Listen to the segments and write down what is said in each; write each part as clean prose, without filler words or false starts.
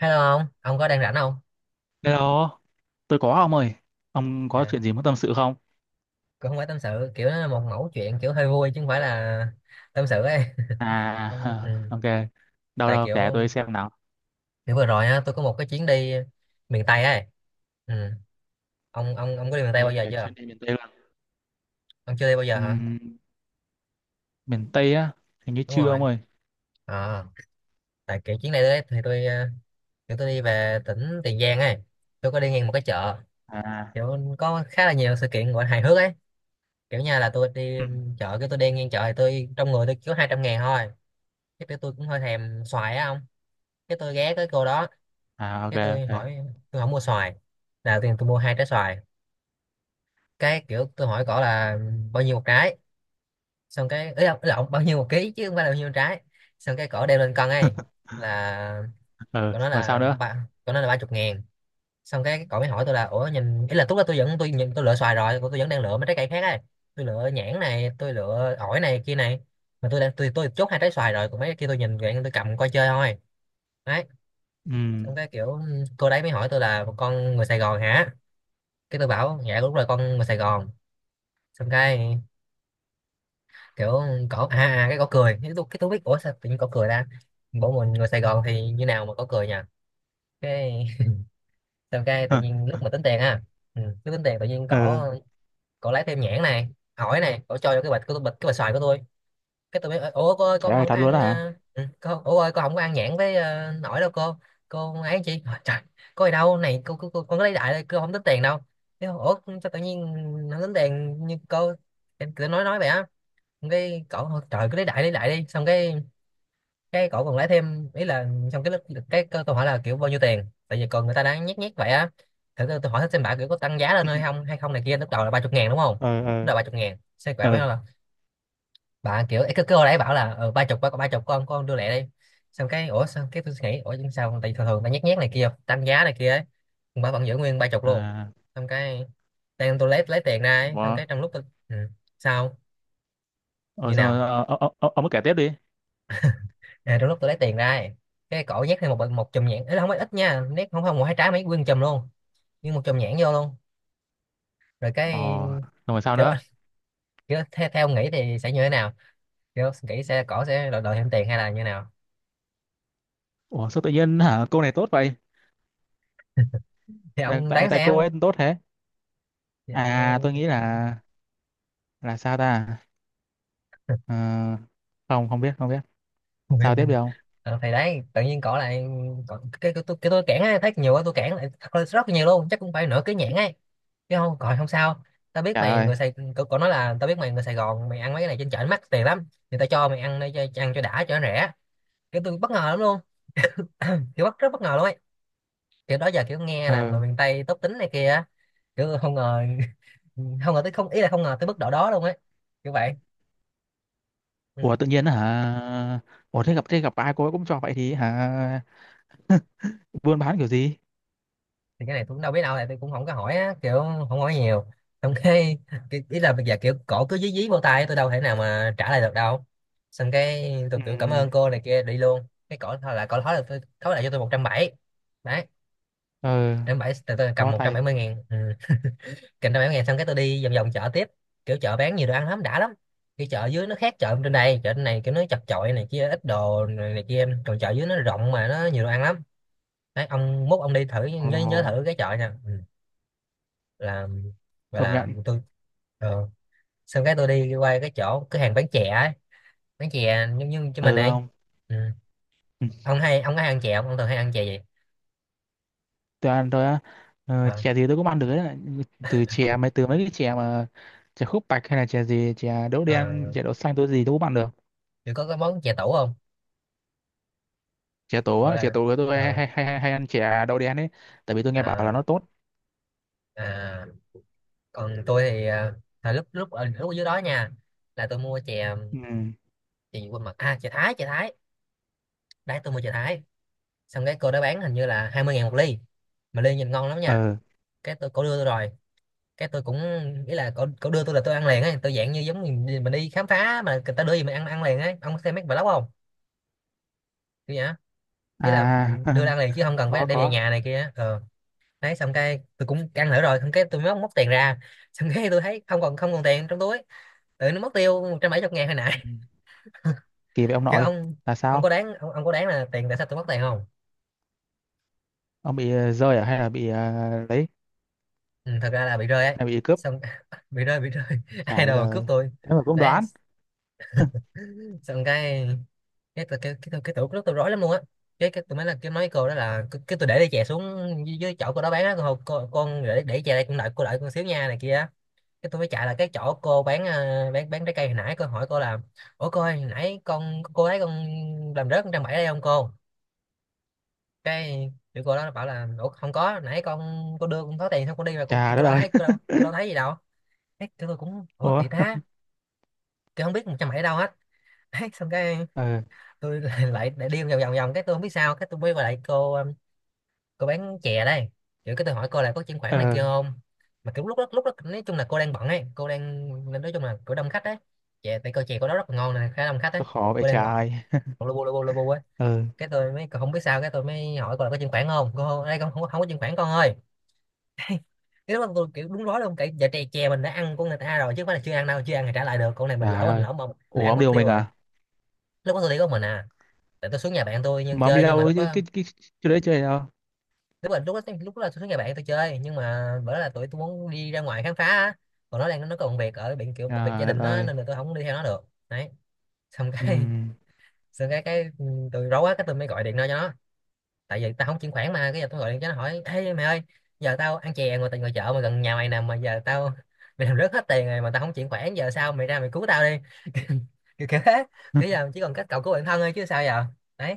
Hello ông có đang rảnh không? Hello, tôi có ông ơi. Ông có À, chuyện gì muốn tâm sự không? cũng không phải tâm sự, kiểu nó là một mẫu chuyện kiểu hơi vui chứ không phải là tâm sự ấy. À, Ông, ừ. ok. Đâu Tại đâu kiểu kể tôi xem nào. kiểu vừa rồi á, tôi có một cái chuyến đi miền Tây ấy. Ừ. Ông có đi miền Tây bao Như giờ là chưa? chuyến đi miền Tây luôn. Ông chưa đi bao giờ hả? Ừm, miền Tây á, hình như Đúng chưa rồi. ông ơi. À, tại kiểu chuyến này đấy thì tôi ờ, kiểu tôi đi về tỉnh Tiền Giang ấy. Tôi có đi ngang một cái chợ, À, kiểu có khá là nhiều sự kiện gọi là hài hước ấy. Kiểu như là tôi đi ừ. chợ, cái tôi đi ngang chợ thì tôi trong người tôi chỉ có 200 ngàn thôi. Cái tôi cũng hơi thèm xoài á ông, cái tôi ghé tới cô đó, À, ok cái tôi hỏi, ok. tôi không mua xoài, là tiền tôi mua hai trái xoài. Cái kiểu tôi hỏi cổ là bao nhiêu một trái, xong cái ấy là ông bao nhiêu một ký chứ không phải là bao nhiêu một trái. Xong cái cổ đeo lên cân ấy, là Ừ, cổ nói rồi sao là nữa? ba chục ngàn. Xong cái cổ mới hỏi tôi là ủa nhìn, ý là lúc đó tôi vẫn, tôi nhìn tôi lựa xoài rồi, tôi vẫn đang lựa mấy trái cây khác ấy. Tôi lựa nhãn này, tôi lựa ổi này kia này, mà tôi đang, tôi chốt hai trái xoài rồi, còn mấy cái kia tôi nhìn vậy, tôi cầm coi chơi thôi đấy. Xong Ừm, cái kiểu ừ, cô đấy mới hỏi tôi là con người Sài Gòn hả? Cái tôi bảo dạ đúng rồi, con người Sài Gòn. Xong cái kiểu cổ cái cổ cười, cái tôi biết ủa sao tự nhiên cổ cười ta, bộ mình người Sài Gòn thì như nào mà cổ cười nha. Cái xong cái tự hờ, nhiên lúc mà tính tiền á, ừ, lúc tính tiền tự nhiên ừ. cổ cổ lấy thêm nhãn này hỏi này, cổ cho vô cái bịch của tôi, bịch cái bịch xoài của tôi. Cái tụi mới ủa cô ơi Trời con ơi, không có thật luôn ăn á hả? Con ủa ơi con không có ăn nhãn với nổi đâu cô. Cô ấy chị Hỏi, trời có gì đâu này cô, cô con có lấy đại đây cô không tính tiền đâu. Thế ủa sao tự nhiên không tính tiền, như cô em cứ nói vậy á. Xong cái cậu hỏi, trời cứ lấy đại đi, xong cái cậu còn lấy thêm ý là, xong cái lúc- cái tôi hỏi là kiểu bao nhiêu tiền, tại vì còn người ta đang nhét nhét vậy á, thử tôi hỏi xem bà kiểu có tăng giá lên hay không, hay không này kia, lúc đầu là ba chục ngàn đúng không, lúc Ờ, đầu ba chục ngàn xe quả ờ, mới ừ. là bà kiểu ấy, cứ cứ hồi nãy bảo là ờ, ba chục, ba ba chục, con đưa lẹ đi. Xong cái ủa, xong cái tôi suy nghĩ ủa nhưng sao tại thường thường ta nhét nhét này kia tăng giá này kia ấy, bà vẫn giữ nguyên ba chục luôn. À, Xong cái đang tôi lấy tiền ra ấy, xong ủa, cái trong lúc tôi, ừ, sao ừ, như xong rồi, nào, ờ, ờ, ờ, ông cứ kể tiếp đi. à, trong lúc tôi lấy tiền ra ấy, cái cổ nhét thêm một một chùm nhãn ấy, là không phải ít nha, nét không không một hai trái mấy, nguyên chùm luôn, nhưng một chùm nhãn vô luôn rồi Ờ, cái xong rồi sao kiểu, nữa? kiểu theo ông nghĩ thì sẽ như thế nào, kiểu nghĩ sẽ cổ sẽ đòi, đòi thêm tiền hay là như nào, Ủa, sao tự nhiên hả? Cô này tốt vậy? thì Là ông tại đoán tại xem. cô ấy tốt thế? Dạ, À, tôi nghĩ là sao ta. Ờ, không không biết không biết Nguyên- sao tiếp nguyên- được không. ờ, thì đấy tự nhiên cỏ lại cỏ, cái cái tôi cản ấy, thấy nhiều quá tôi cản lại, thật là rất là nhiều luôn, chắc cũng phải nửa cái nhãn ấy, chứ không còn không sao. Tao biết Trời mày ơi. người Sài, cậu nói là tao biết mày người Sài Gòn, mày ăn mấy cái này trên chợ nó mắc tiền lắm, thì tao cho mày ăn đây, cho ăn cho đã, cho nó rẻ. Kiểu tôi bất ngờ lắm luôn, kiểu bất rất bất ngờ luôn ấy, kiểu đó giờ kiểu nghe là người Ờ. miền Tây tốt tính này kia á, kiểu không ngờ, không ngờ tới, không, ý là không ngờ tới mức độ đó luôn ấy, kiểu vậy. Ừ. Ủa tự nhiên hả? Ủa, thế gặp ai cô ấy cũng cho vậy thì hả? Buôn bán kiểu gì? Thì cái này tôi cũng đâu biết đâu, tại tôi cũng không có hỏi á, kiểu không hỏi nhiều. Xong cái ý là bây giờ kiểu cổ cứ dí dí vô tay tôi, đâu thể nào mà trả lại được đâu. Xong cái tôi Ừ. kiểu cảm ơn cô này kia đi luôn, cái cổ thôi là cổ thói là tôi thói lại cho tôi một trăm bảy mươi, đấy, Ờ. trăm bảy tôi cầm Bó một trăm tay. bảy mươi ngàn, ừ. Cầm trăm bảy mươi ngàn, xong cái tôi đi vòng vòng chợ tiếp, kiểu chợ bán nhiều đồ ăn lắm, đã lắm. Cái chợ dưới nó khác chợ trên đây, chợ trên này kiểu nó chật chội này kia, ít đồ này, này kia, còn chợ dưới nó rộng mà nó nhiều đồ ăn lắm đấy. Ông mốt ông đi thử, Ồ, nhớ nhớ thử cái chợ nha. Ừ. Là, gọi công là nhận. tôi ờ, xong cái tôi đi qua cái chỗ cửa hàng bán chè ấy, bán chè giống như cho mình Ừ ấy, không. ừ. Ừ. Ông hay ông có hay ăn chè không, ông thường hay ăn chè gì? Tôi ăn tôi á. Ờ, Ờ, chè gì tôi cũng ăn được đấy. Từ mấy cái chè mà chè khúc bạch hay là chè gì, chè đậu đen, ờ, chè đậu xanh, tôi gì tôi cũng ăn được. kiểu có cái món chè tủ không, Chè tổ gọi á, chè là tổ tôi hay ờ, hay hay, hay ăn chè đậu đen ấy. Tại vì tôi nghe bảo là à, nó tốt. à. Còn tôi thì à, à, lúc lúc ở dưới đó nha, là tôi mua chè, Ừ. chè gì quên mặt, à chè Thái, chè Thái đấy, tôi mua chè Thái. Xong cái cô đó bán hình như là 20 ngàn một ly, mà ly nhìn ngon lắm nha. Ờ. Cái tôi cô đưa tôi rồi, cái tôi cũng nghĩ là cậu đưa tôi là tôi ăn liền ấy, tôi dạng như giống mình đi khám phá mà người ta đưa gì mình ăn ăn liền ấy, ông có xem mấy vlog không, kiểu nhá, nghĩa là À. đưa ra ăn liền chứ không cần phải Có, đem về có. nhà này kia ờ. Đấy xong cái tôi cũng ăn thử rồi, xong cái tôi mới móc tiền ra, xong cái tôi thấy không còn, không còn tiền trong túi, tự nó mất tiêu 170 ngàn hồi Ừ. nãy. Kỳ vậy ông Kiểu nội, ông, là sao? Ông có đáng là tiền, tại sao tôi mất tiền không? Ông bị, rơi à, hay là bị, lấy Ừ, thật ra là bị rơi ấy, hay bị cướp? xong, bị rơi, ai Trời đất đâu cướp ơi. tôi. Thế mà cũng Đấy đoán. xong cái, tủ rất tôi rối lắm luôn á. Cái tôi mới là cái nói với cô đó là cái tôi để ly chè xuống dưới, dưới chỗ cô đó bán á, cô con để chè đây cũng, đợi cô, đợi con xíu nha này kia á. Cái tôi mới chạy là cái chỗ cô bán bán trái cây hồi nãy, cô hỏi cô là ủa cô ơi hồi nãy con, cô ấy con làm rớt con trăm bảy đây không cô? Cái thì cô đó bảo là ủa không có, nãy con cô đưa con có tiền xong con đi mà, Trời đất cô đâu ơi. thấy, cô đâu, cô đâu thấy gì đâu. Cái tụi tôi cũng ủa Ủa. kỳ ta, tôi không biết một trăm bảy đâu hết. Đấy, xong cái Ờ, tôi lại lại đi vòng vòng vòng cái tôi không biết sao, cái tôi mới gọi lại cô bán chè đây, kiểu cái tôi hỏi cô là có chuyển khoản này ờ. kia không, mà kiểu lúc đó nói chung là cô đang bận ấy, cô đang, nói chung là cô đông khách ấy, chè tại cô chè cô đó rất là ngon này, khá đông khách ấy, Nó khó vậy cô đang bận, trời. lô bu ấy. Ừ. Cái tôi mới không biết sao, cái tôi mới hỏi cô là có chuyển khoản không cô đây, không không, có- không có chuyển khoản con ơi. Cái lúc đó tôi kiểu đúng rối luôn, cái dạ chè, chè mình đã ăn của người ta rồi chứ không phải là chưa ăn đâu, chưa ăn thì trả lại được con này, mình lỡ Trời mình ơi. lỡ mà mình Ủa ăn ông mất đi một tiêu mình rồi. à? Lúc đó tôi đi có mình à, tại tôi xuống nhà bạn tôi nhưng Mà ông đi chơi, nhưng mà đâu lúc chứ, đó, cái chỗ đấy chơi đâu? đúng rồi lúc đó, lúc đó là tôi với người bạn tôi chơi, nhưng mà bữa đó là tụi tôi muốn đi ra ngoài khám phá á. Còn nó có bận việc ở bệnh, kiểu bận việc gia Trời đất đình á, ơi. nên là tôi không đi theo nó được. Đấy. Xong Ừ. cái xong tôi rối quá, cái tôi mới gọi điện ra cho nó. Tại vì tao không chuyển khoản mà, cái giờ tôi gọi điện cho nó hỏi ê mày ơi, giờ tao ăn chè ngoài, tại ngoài chợ mà gần nhà mày nè, mà giờ tao mày làm rớt hết tiền rồi mà tao không chuyển khoản, giờ sao mày ra mày cứu tao đi. kiểu kiểu thế, kiểu giờ chỉ còn cách cậu cứu bản thân thôi chứ sao giờ. Đấy.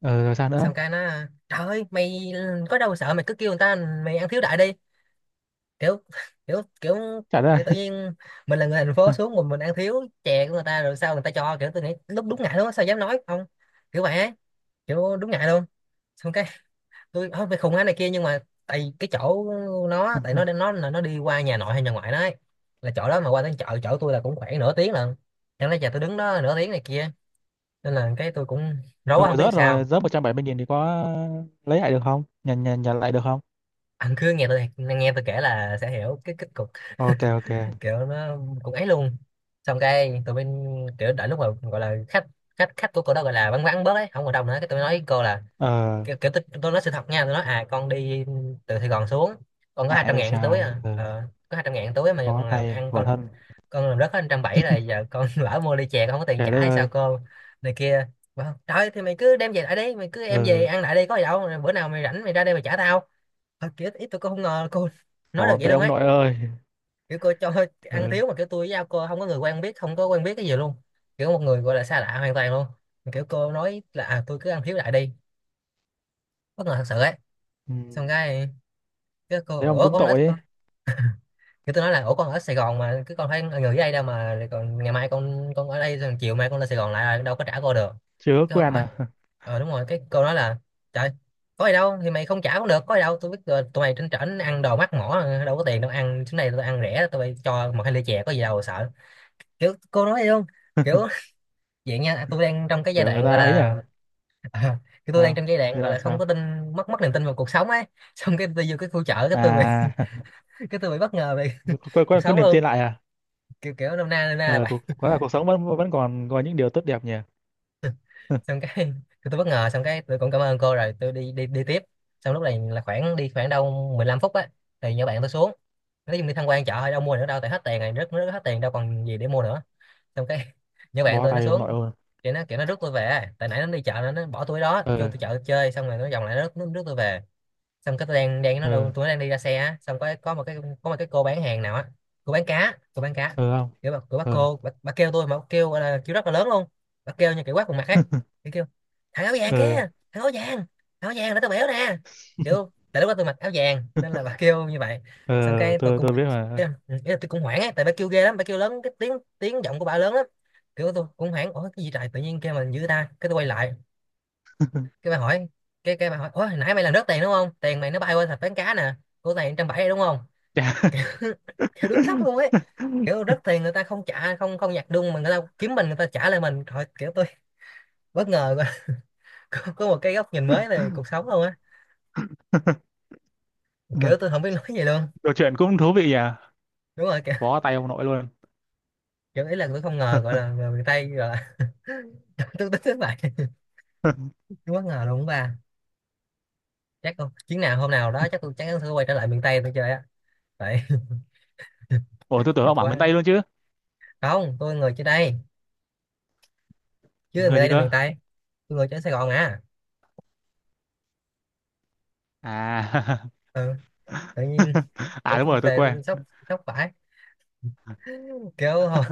Ừ, rồi sao nữa? Xong cái nó trời ơi mày có đâu sợ, mày cứ kêu người ta mày ăn thiếu đại đi. Kiểu kiểu kiểu Trời đất ơi. như tự nhiên mình là người thành phố xuống, mình ăn thiếu chè của người ta, rồi sao người ta cho? Kiểu tôi nghĩ lúc đúng ngại luôn á, sao dám nói không. Kiểu vậy ấy, kiểu đúng ngại luôn. Xong cái tôi không phải khùng á này kia, nhưng mà tại cái chỗ nó, tại nó nó là nó đi qua nhà nội hay nhà ngoại nó ấy, là chỗ đó mà qua đến chợ chỗ tôi là cũng khoảng nửa tiếng lận. Chẳng lẽ giờ tôi đứng đó nửa tiếng này kia, nên là cái tôi cũng rối Xong quá không biết rồi, sao. rớt 170.000 thì có lấy lại được không? Nhận nhận nhận lại được không? Anh cứ nghe tôi kể là sẽ hiểu cái kết cục. Ok ok. Kiểu nó cũng ấy luôn. Xong cái tụi bên, kiểu đợi lúc mà gọi là khách, khách của cô đó gọi là vắng vắng bớt ấy, không còn đông nữa, cái tôi nói với cô là, Ờ, kiểu tôi nói sự thật nha, tôi nói à con đi từ Sài Gòn xuống, con có hai ngại trăm vậy ngàn túi trời. à Ờ. ờ, có 200 ngàn túi mà giờ Có con làm tay, ăn khổ con thân. con làm rớt hết 170 rồi giờ con lỡ mua ly chè con không có tiền Trời đất trả hay sao ơi. cô này kia. Bảo, trời ơi, thì mày cứ đem về lại đi, mày cứ em về Ừ, ăn lại đi có gì đâu, rồi bữa nào mày rảnh mày ra đây mày trả tao. Thật kiểu ít tôi cũng không ngờ là cô nói được khổ vậy vậy luôn ông ấy. nội ơi. Kiểu cô cho ăn Ừ. thiếu mà kiểu tôi với nhau cô không có người quen biết, không có quen biết cái gì luôn, kiểu một người gọi là xa lạ hoàn toàn luôn. Mà kiểu cô nói là à, tôi cứ ăn thiếu lại đi. Bất ngờ thật sự ấy. Ừ. Xong cái cô Thế ông ủa cũng con ở tội ấy. con, kiểu tôi nói là ủa con ở Sài Gòn mà, cứ con thấy người ở đây đâu mà, rồi còn ngày mai con ở đây rồi chiều mai con lên Sài Gòn lại đâu có trả cô được. Chưa ước Cái, quen à? ờ đúng rồi cái câu đó là trời có gì đâu thì mày không trả cũng được, có gì đâu tôi biết rồi, tụi mày trên trển ăn đồ mắc mỏ đâu có tiền, đâu ăn chỗ này tôi ăn rẻ, tụi mày cho một hai ly chè có gì đâu sợ. Kiểu cô nói vậy luôn. Kiểu vậy nha, tôi đang trong cái giai Kiểu người đoạn ta gọi ấy là à? à, cái tôi đang Sao? trong giai đoạn Giai gọi là đoạn không có sao? tin, mất mất niềm tin vào cuộc sống ấy. Xong cái tôi vô cái khu chợ, cái tôi bị À, cái tôi bị bất ngờ về cuộc có sống niềm luôn. tin lại à? Kiểu kiểu năm nay là Ờ, vậy. có là cuộc sống vẫn vẫn còn có những điều tốt đẹp nhỉ? Xong cái tôi bất ngờ, xong cái tôi cũng cảm ơn cô rồi tôi đi đi đi tiếp. Xong lúc này là khoảng đi khoảng 15 phút á thì nhỏ bạn tôi xuống. Nói chung đi tham quan chợ thôi đâu mua nữa đâu, tại hết tiền rồi, rất rất hết tiền đâu còn gì để mua nữa. Xong cái nhỏ bạn Bó tôi nó tay ông nội xuống, ơi. thì nó kiểu nó rước tôi về, tại nãy nó đi chợ nó bỏ tôi đó vô Ờ, tôi chợ chơi, xong rồi nó vòng lại nó rước tôi về. Xong cái tôi đang đang nó ờ, đâu, tôi đang đi ra xe á, xong có một cái, có một cái cô bán hàng nào á, cô bán cá. ờ không? kiểu bà, kiểu bà Ờ, cô bà, bà kêu tôi mà bà kêu gọi là kêu rất là lớn luôn, bà kêu như kiểu quát vào mặt ấy. Kiểu kêu thằng áo vàng kia, ờ, thằng áo vàng, thằng áo vàng để tao béo nè. Kiểu tại lúc đó tôi mặc áo vàng nên là bà kêu như vậy. ờ, Xong cái tôi tôi cũng tôi biết cái, mà. ừ, ý là tôi cũng hoảng ấy, tại bà kêu ghê lắm, bà kêu lớn cái tiếng, tiếng giọng của bà lớn lắm. Kiểu tôi cũng hoảng ủa cái gì trời tự nhiên kêu mình dữ ta, cái tôi quay lại. Cái bà hỏi, cái bà hỏi ủa hồi nãy mày làm rớt tiền đúng không, tiền mày nó bay qua thạch bán cá nè, của này trăm bảy đúng không. Chà. Kiểu đúng sốc luôn ấy, kiểu rớt tiền người ta không trả, không không nhặt đung mà người ta kiếm mình, người ta trả lại mình thôi. Kiểu tôi bất ngờ quá. Có một cái góc nhìn mới về cuộc sống luôn á. Kiểu tôi không biết nói gì luôn. Đồ chuyện cũng thú vị nhỉ? Đúng rồi, kiểu, Bó tay ông nội luôn. kiểu ý là tôi không ngờ gọi là người miền Tây gọi là tôi tính đến vậy. Bất ngờ luôn ba. Chắc không chuyến nào hôm nào đó chắc tôi chắc chắn sẽ quay trở lại miền Tây tôi chơi á. Tại Ủa tôi tưởng ông bảo miền quá. Tây luôn chứ. Không tôi người trên đây, chứ miền Người Tây gì là cơ? miền Tây, tôi người trên Sài Gòn à. À. Ừ, tự nhiên kiểu À đúng tôi rồi, tôi về quên. tôi sốc, sốc phải, kiểu hồi-.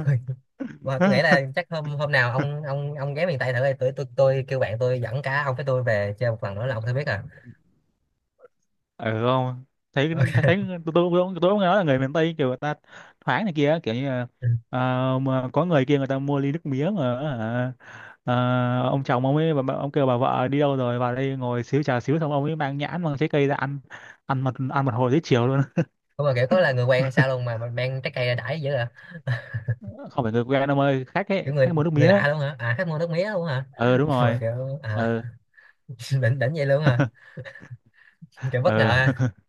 Mà tôi nghĩ là chắc hôm hôm nào ông ghé miền Tây thử đi. Tôi kêu bạn tôi dẫn cả ông với tôi về chơi một lần nữa là ông sẽ biết à. Ừ không. Thấy Ok. thấy thấy, tôi cũng nói là người miền Tây kiểu người ta thoáng này kia kiểu như là, ờ, mà có người kia người ta mua ly nước mía mà, hả, ờ, ông chồng ông ấy, ông kêu bà vợ đi đâu rồi vào đây ngồi xíu, trà xíu, xong ông ấy mang nhãn, mang trái cây ra ăn ăn một hồi tới chiều luôn. Không mà kiểu có là người quen hay sao luôn mà mang trái cây ra đãi dữ à. Không phải người quen ông ơi, khách ấy, Kiểu người khách mua nước người mía ấy. lạ luôn hả, à khách mua nước mía luôn hả. Ừ đúng Mà rồi. kiểu à. Ừ. đỉnh đỉnh vậy luôn hả. Kiểu bất ngờ Ừ. ha.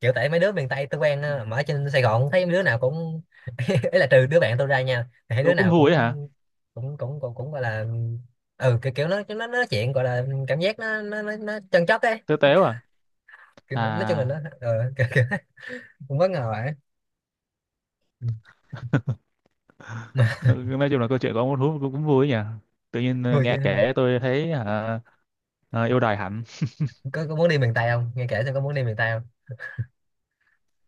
Kiểu tại mấy đứa miền Tây tôi quen ờ, mà ở trên Sài Gòn thấy mấy đứa nào cũng ấy, là trừ đứa bạn tôi ra nha, thì thấy đứa Tôi cũng nào cũng vui ấy hả. cũng gọi là ừ kiểu, kiểu nó nói chuyện gọi là cảm giác nó chân chất ấy. Tôi téo à. Kiểu, nói chung là nó À. ờ, kiểu, kiểu, cũng bất ngờ ấy. Ừ. Mà Nói chung là câu chuyện của ông Út hút cũng vui nhỉ. Tự nhiên, thôi nghe chứ, kể tôi thấy hả, yêu đời hẳn. Có muốn đi miền Tây không, nghe kể xem có muốn đi miền Tây không.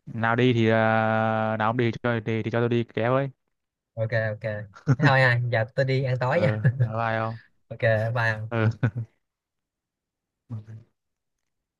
Nào đi thì ờ, nào ông đi cho đi thì cho tôi đi kéo ấy. Ok ok Thế thôi à giờ tôi đi ăn tối nha. Ờ, ờ, ai không. Ok. Bye. Ừ.